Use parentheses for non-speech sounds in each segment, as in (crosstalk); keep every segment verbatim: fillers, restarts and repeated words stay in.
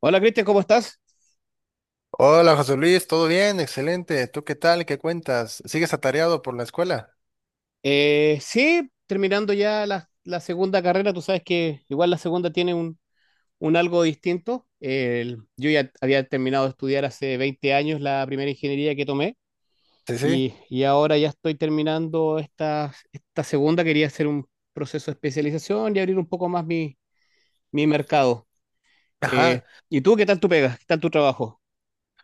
Hola Cristian, ¿cómo estás? Hola José Luis, ¿todo bien? Excelente. ¿Tú qué tal? ¿Qué cuentas? ¿Sigues atareado por la escuela? Eh, sí, terminando ya la, la segunda carrera, tú sabes que igual la segunda tiene un, un algo distinto. El- yo ya había terminado de estudiar hace veinte años la primera ingeniería que tomé Sí, sí. y, y ahora ya estoy terminando esta, esta segunda. Quería hacer un proceso de especialización y abrir un poco más mi, mi mercado. Ajá. Eh, ¿Y tú qué tal tu pega? ¿Qué tal tu trabajo?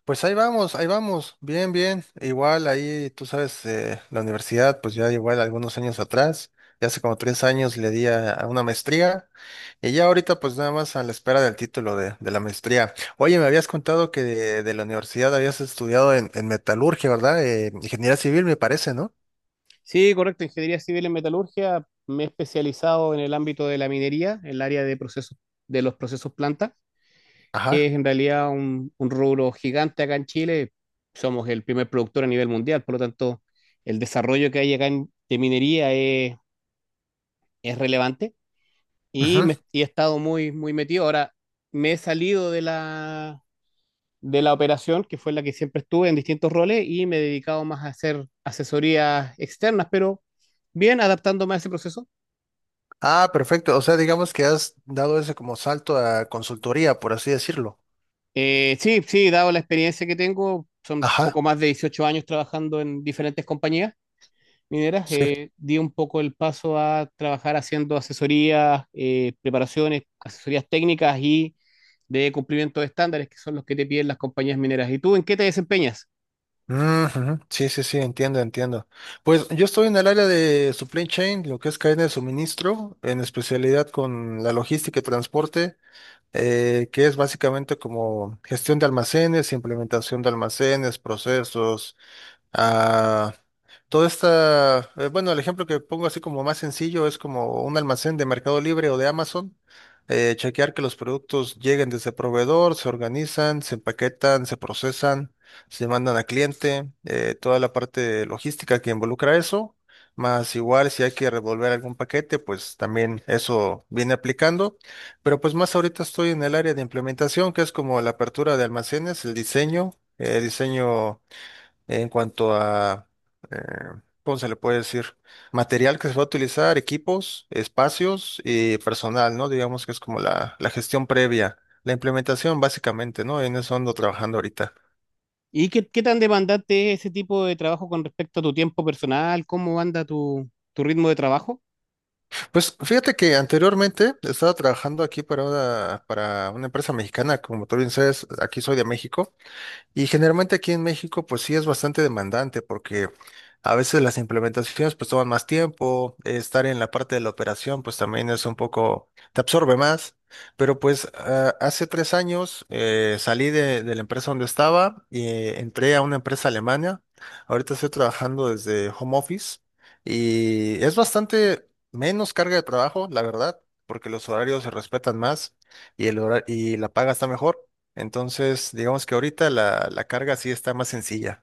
Pues ahí vamos, ahí vamos. Bien, bien. Igual ahí, tú sabes, eh, la universidad, pues ya igual algunos años atrás, ya hace como tres años le di a, a una maestría y ya ahorita pues nada más a la espera del título de, de la maestría. Oye, me habías contado que de, de la universidad habías estudiado en, en metalurgia, ¿verdad? Eh, ingeniería civil, me parece, ¿no? Sí, correcto. Ingeniería civil en metalurgia. Me he especializado en el ámbito de la minería, en el área de procesos, de los procesos planta, que Ajá. es en realidad un, un rubro gigante acá en Chile. Somos el primer productor a nivel mundial, por lo tanto, el desarrollo que hay acá en- de minería es, es relevante y, me, y he estado muy, muy metido. Ahora me he salido de la, de la operación, que fue la que siempre estuve en distintos roles, y me he dedicado más a hacer asesorías externas, pero bien adaptándome a ese proceso. Ah, perfecto. O sea, digamos que has dado ese como salto a consultoría, por así decirlo. Eh, sí, sí, dado la experiencia que tengo, son poco Ajá, más de dieciocho años trabajando en diferentes compañías mineras, sí. eh, di un poco el paso a trabajar haciendo asesorías, eh, preparaciones, asesorías técnicas y de cumplimiento de estándares, que son los que te piden las compañías mineras. ¿Y tú en qué te desempeñas? Ujú, sí, sí, sí, entiendo, entiendo. Pues yo estoy en el área de supply chain, lo que es cadena de suministro, en especialidad con la logística y transporte, eh, que es básicamente como gestión de almacenes, implementación de almacenes, procesos, ah, toda esta, eh, bueno, el ejemplo que pongo así como más sencillo es como un almacén de Mercado Libre o de Amazon, eh, chequear que los productos lleguen desde el proveedor, se organizan, se empaquetan, se procesan, se mandan a cliente, eh, toda la parte logística que involucra eso, más igual si hay que revolver algún paquete, pues también eso viene aplicando, pero pues más ahorita estoy en el área de implementación, que es como la apertura de almacenes, el diseño, eh, diseño en cuanto a, eh, ¿cómo se le puede decir? Material que se va a utilizar, equipos, espacios y personal, ¿no? Digamos que es como la, la gestión previa, la implementación básicamente, ¿no? En eso ando trabajando ahorita. ¿Y qué, qué tan demandante es ese tipo de trabajo con respecto a tu tiempo personal? ¿Cómo anda tu, tu ritmo de trabajo? Pues fíjate que anteriormente estaba trabajando aquí para una, para una empresa mexicana, como tú bien sabes, aquí soy de México. Y generalmente aquí en México, pues sí es bastante demandante porque a veces las implementaciones pues toman más tiempo, eh, estar en la parte de la operación pues también es un poco, te absorbe más, pero pues ah, hace tres años eh, salí de, de la empresa donde estaba y eh, entré a una empresa alemana, ahorita estoy trabajando desde home office y es bastante menos carga de trabajo, la verdad, porque los horarios se respetan más y, el hora- y la paga está mejor. Entonces, digamos que ahorita la, la carga sí está más sencilla.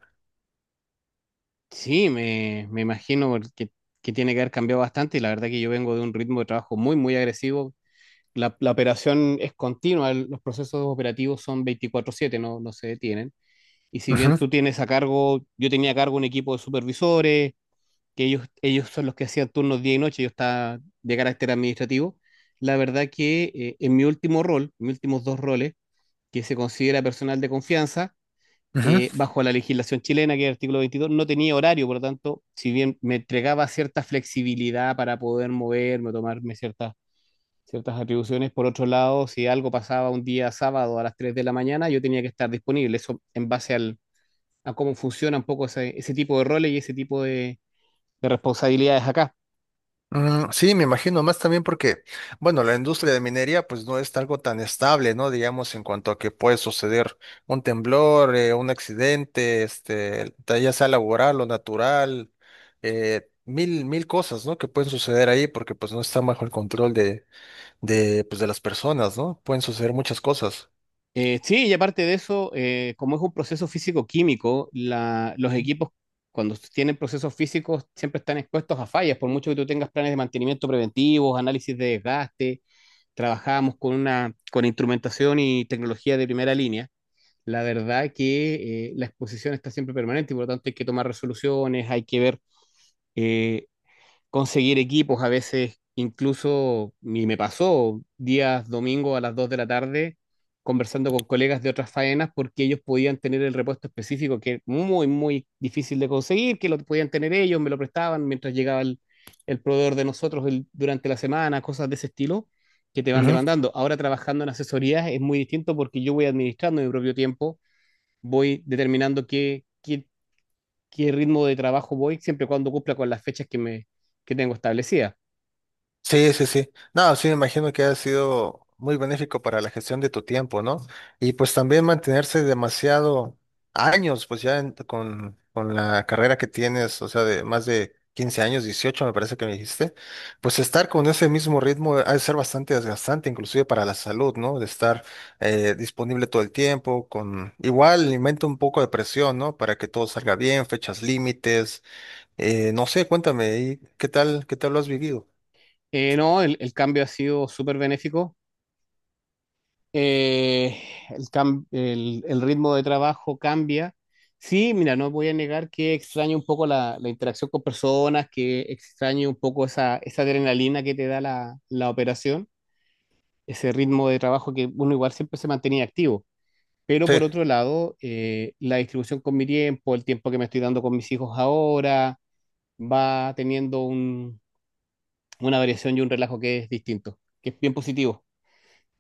Sí, me, me imagino que, que tiene que haber cambiado bastante y la verdad que yo vengo de un ritmo de trabajo muy, muy agresivo. la, la operación es continua, el- los procesos operativos son veinticuatro siete, no, no se detienen. Y si bien Ujú, tú tienes a cargo, yo tenía a cargo un equipo de supervisores, que ellos, ellos son los que hacían turnos día y noche, yo estaba de carácter administrativo. La verdad que eh, en mi último rol, mis últimos dos roles, que se considera personal de confianza, eh, ujú. bajo la legislación chilena, que es el artículo veintidós, no tenía horario, por lo tanto, si bien me entregaba cierta flexibilidad para poder moverme, tomarme ciertas ciertas atribuciones. Por otro lado, si algo pasaba un día sábado a las tres de la mañana, yo tenía que estar disponible. Eso en base al, a cómo funciona un poco ese, ese tipo de roles y ese tipo de, de responsabilidades acá. Mm, sí, me imagino, más también porque, bueno, la industria de minería pues no es algo tan estable, ¿no? Digamos, en cuanto a que puede suceder un temblor, eh, un accidente, este, ta- ya sea laboral o natural, eh, mil, mil cosas, ¿no? Que pueden suceder ahí porque pues no está bajo el control de, de, pues, de las personas, ¿no? Pueden suceder muchas cosas. Eh, sí, y aparte de eso, eh, como es un proceso físico-químico, la- los equipos cuando tienen procesos físicos siempre están expuestos a fallas, por mucho que tú tengas planes de mantenimiento preventivos, análisis de desgaste. Trabajamos con una, con instrumentación y tecnología de primera línea. La verdad que eh, la exposición está siempre permanente y por lo tanto hay que tomar resoluciones, hay que ver, eh, conseguir equipos. A veces, incluso, y me pasó días domingo a las dos de la tarde conversando con colegas de otras faenas porque ellos podían tener el repuesto específico que es muy, muy difícil de conseguir, que lo podían tener ellos, me lo prestaban mientras llegaba el, el proveedor de nosotros el- durante la semana, cosas de ese estilo que te van demandando. Ahora trabajando en asesorías es muy distinto porque yo voy administrando mi propio tiempo, voy determinando qué, qué, qué ritmo de trabajo voy, siempre y cuando cumpla con las fechas que, me, que tengo establecidas. Sí, sí, sí. No, sí, me imagino que ha sido muy benéfico para la gestión de tu tiempo, ¿no? Y pues también mantenerse demasiado años, pues ya en- con, con la carrera que tienes, o sea, de más de quince años, dieciocho, me parece que me dijiste, pues estar con ese mismo ritmo ha de ser bastante desgastante, inclusive para la salud, ¿no? De estar eh, disponible todo el tiempo, con igual inventa un poco de presión, ¿no? Para que todo salga bien, fechas límites, eh, no sé, cuéntame, ¿y qué tal, qué tal lo has vivido? Eh, no, el, el cambio ha sido súper benéfico. Eh, el, cam- el, el ritmo de trabajo cambia. Sí, mira, no voy a negar que extraño un poco la, la interacción con personas, que extraño un poco esa, esa adrenalina que te da la, la operación, ese ritmo de trabajo que uno igual siempre se mantenía activo. Pero Sí. por otro lado, eh, la distribución con mi tiempo, el tiempo que me estoy dando con mis hijos ahora, va teniendo un- una variación y un relajo que es distinto, que es bien positivo.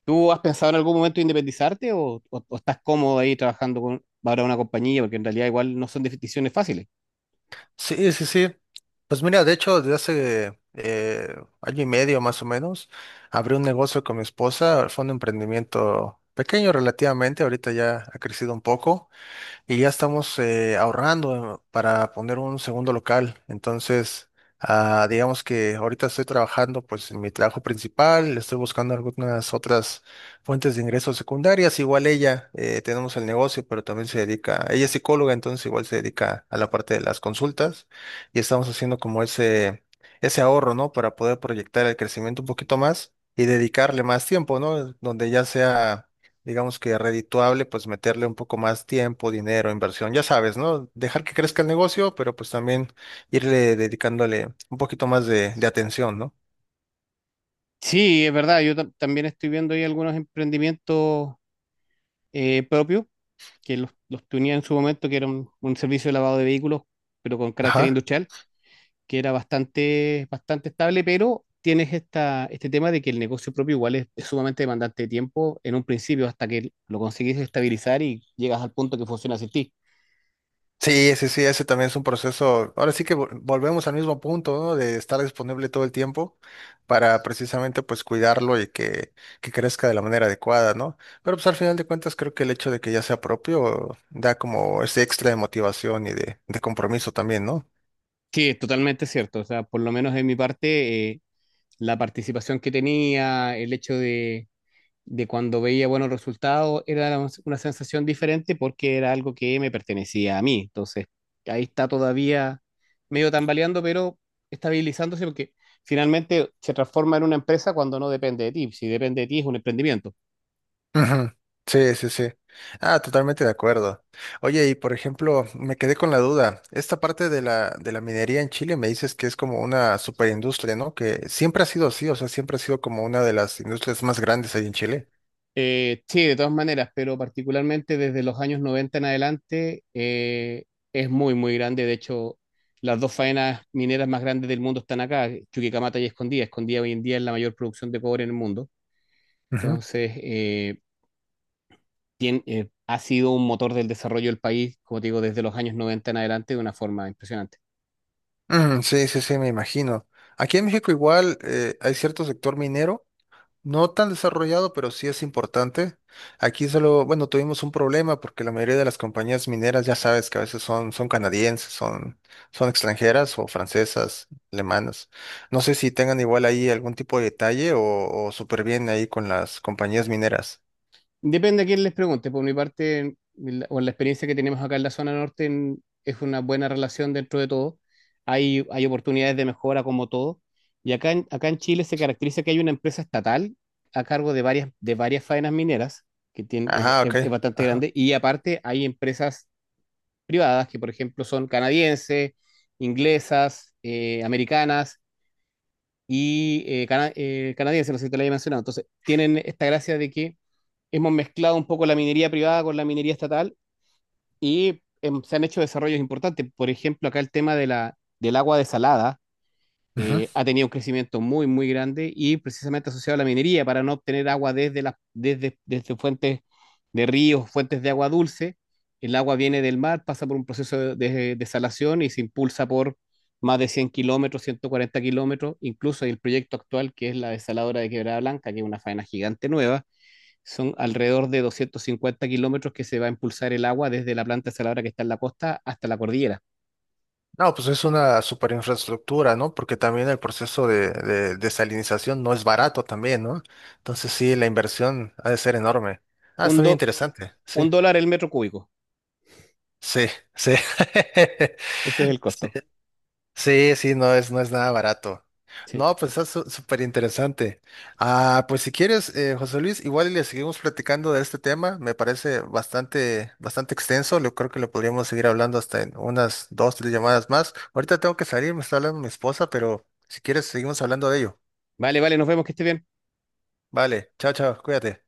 ¿Tú has pensado en algún momento independizarte o, o- o estás cómodo ahí trabajando con para una compañía? Porque en realidad igual no son decisiones fáciles. Sí, sí, sí. Pues mira, de hecho, desde hace eh, año y medio más o menos, abrí un negocio con mi esposa, fue un emprendimiento pequeño relativamente, ahorita ya ha crecido un poco, y ya estamos eh, ahorrando para poner un segundo local. Entonces, ah, digamos que ahorita estoy trabajando pues en mi trabajo principal, estoy buscando algunas otras fuentes de ingresos secundarias. Igual ella, eh, tenemos el negocio, pero también se dedica, ella es psicóloga, entonces igual se dedica a la parte de las consultas y estamos haciendo como ese, ese ahorro, ¿no? Para poder proyectar el crecimiento un poquito más y dedicarle más tiempo, ¿no? Donde ya sea digamos que redituable, pues meterle un poco más tiempo, dinero, inversión, ya sabes, ¿no? Dejar que crezca el negocio, pero pues también irle dedicándole un poquito más de, de atención, ¿no? Sí, es verdad, yo tam- también estoy viendo ahí algunos emprendimientos eh, propios que los, los tenía en su momento, que era un un servicio de lavado de vehículos, pero con carácter Ajá. industrial. Que era bastante, bastante estable, pero tienes esta, este tema de que el negocio propio igual es, es sumamente demandante de tiempo en un principio hasta que lo conseguís estabilizar y llegas al punto que funciona sin ti. Sí, sí, sí, ese también es un proceso. Ahora sí que vol- volvemos al mismo punto, ¿no? De estar disponible todo el tiempo para precisamente pues cuidarlo y que, que crezca de la manera adecuada, ¿no? Pero pues al final de cuentas creo que el hecho de que ya sea propio da como ese extra de motivación y de, de compromiso también, ¿no? Sí, es totalmente cierto. O sea, por lo menos en mi parte, eh, la participación que tenía, el hecho de de cuando veía buenos resultados, era una una sensación diferente porque era algo que me pertenecía a mí. Entonces, ahí está todavía medio tambaleando, pero estabilizándose porque finalmente se transforma en una empresa cuando no depende de ti. Si depende de ti es un emprendimiento. Ujú. Sí, sí, sí. Ah, totalmente de acuerdo. Oye, y por ejemplo, me quedé con la duda. Esta parte de la, de la minería en Chile me dices que es como una superindustria, ¿no? Que siempre ha sido así, o sea, siempre ha sido como una de las industrias más grandes ahí en Chile. Eh, sí, de todas maneras, pero particularmente desde los años noventa en adelante eh, es muy, muy grande. De hecho, las dos faenas mineras más grandes del mundo están acá, Chuquicamata y Escondida. Escondida hoy en día es la mayor producción de cobre en el mundo. Ujú. Entonces, eh, tien- eh, ha sido un motor del desarrollo del país, como te digo, desde los años noventa en adelante de una forma impresionante. Mm, sí, sí, sí, me imagino. Aquí en México igual eh, hay cierto sector minero. No tan desarrollado, pero sí es importante. Aquí solo, bueno, tuvimos un problema porque la mayoría de las compañías mineras, ya sabes que a veces son, son canadienses, son, son extranjeras o francesas, alemanas. No sé si tengan igual ahí algún tipo de detalle o, o súper bien ahí con las compañías mineras. Depende a quién les pregunte, por mi parte, en la- o en la experiencia que tenemos acá en la zona norte, en- es una buena relación dentro de todo. Hay, hay oportunidades de mejora como todo. Y acá en, acá en Chile se caracteriza que hay una empresa estatal a cargo de varias, de varias faenas mineras, que tiene, es Ajá, es- ok. es bastante Ajá. grande, y aparte hay empresas privadas, que por ejemplo son canadienses, inglesas, eh, americanas y eh, cana- eh, canadienses, no sé si te lo había mencionado. Entonces, tienen esta gracia de que hemos mezclado un poco la minería privada con la minería estatal y em, se han hecho desarrollos importantes. Por ejemplo, acá el tema de la, del agua desalada eh, Ujú. ha tenido un crecimiento muy, muy grande y precisamente asociado a la minería para no obtener agua desde, las, desde, desde fuentes de ríos, fuentes de agua dulce. El agua viene del mar, pasa por un proceso de desalación y se impulsa por más de cien kilómetros, ciento cuarenta kilómetros, incluso el proyecto actual que es la desaladora de Quebrada Blanca, que es una faena gigante nueva, son alrededor de doscientos cincuenta kilómetros que se va a impulsar el agua desde la planta desaladora que está en la costa hasta la cordillera. No, pues es una super infraestructura, ¿no? Porque también el proceso de, de desalinización no es barato también, ¿no? Entonces sí, la inversión ha de ser enorme. Ah, Un, está do, bien interesante, un sí. dólar el metro cúbico, Sí, sí. (laughs) ese es el costo. Sí, sí, sí, no es, no es nada barato. Sí. No, pues está su- súper interesante. Ah, pues si quieres, eh, José Luis, igual y le seguimos platicando de este tema. Me parece bastante, bastante extenso. Yo creo que lo podríamos seguir hablando hasta en unas dos, tres llamadas más. Ahorita tengo que salir, me está hablando mi esposa, pero si quieres, seguimos hablando de ello. Vale, vale, nos vemos, que esté bien. Vale, chao, chao, cuídate.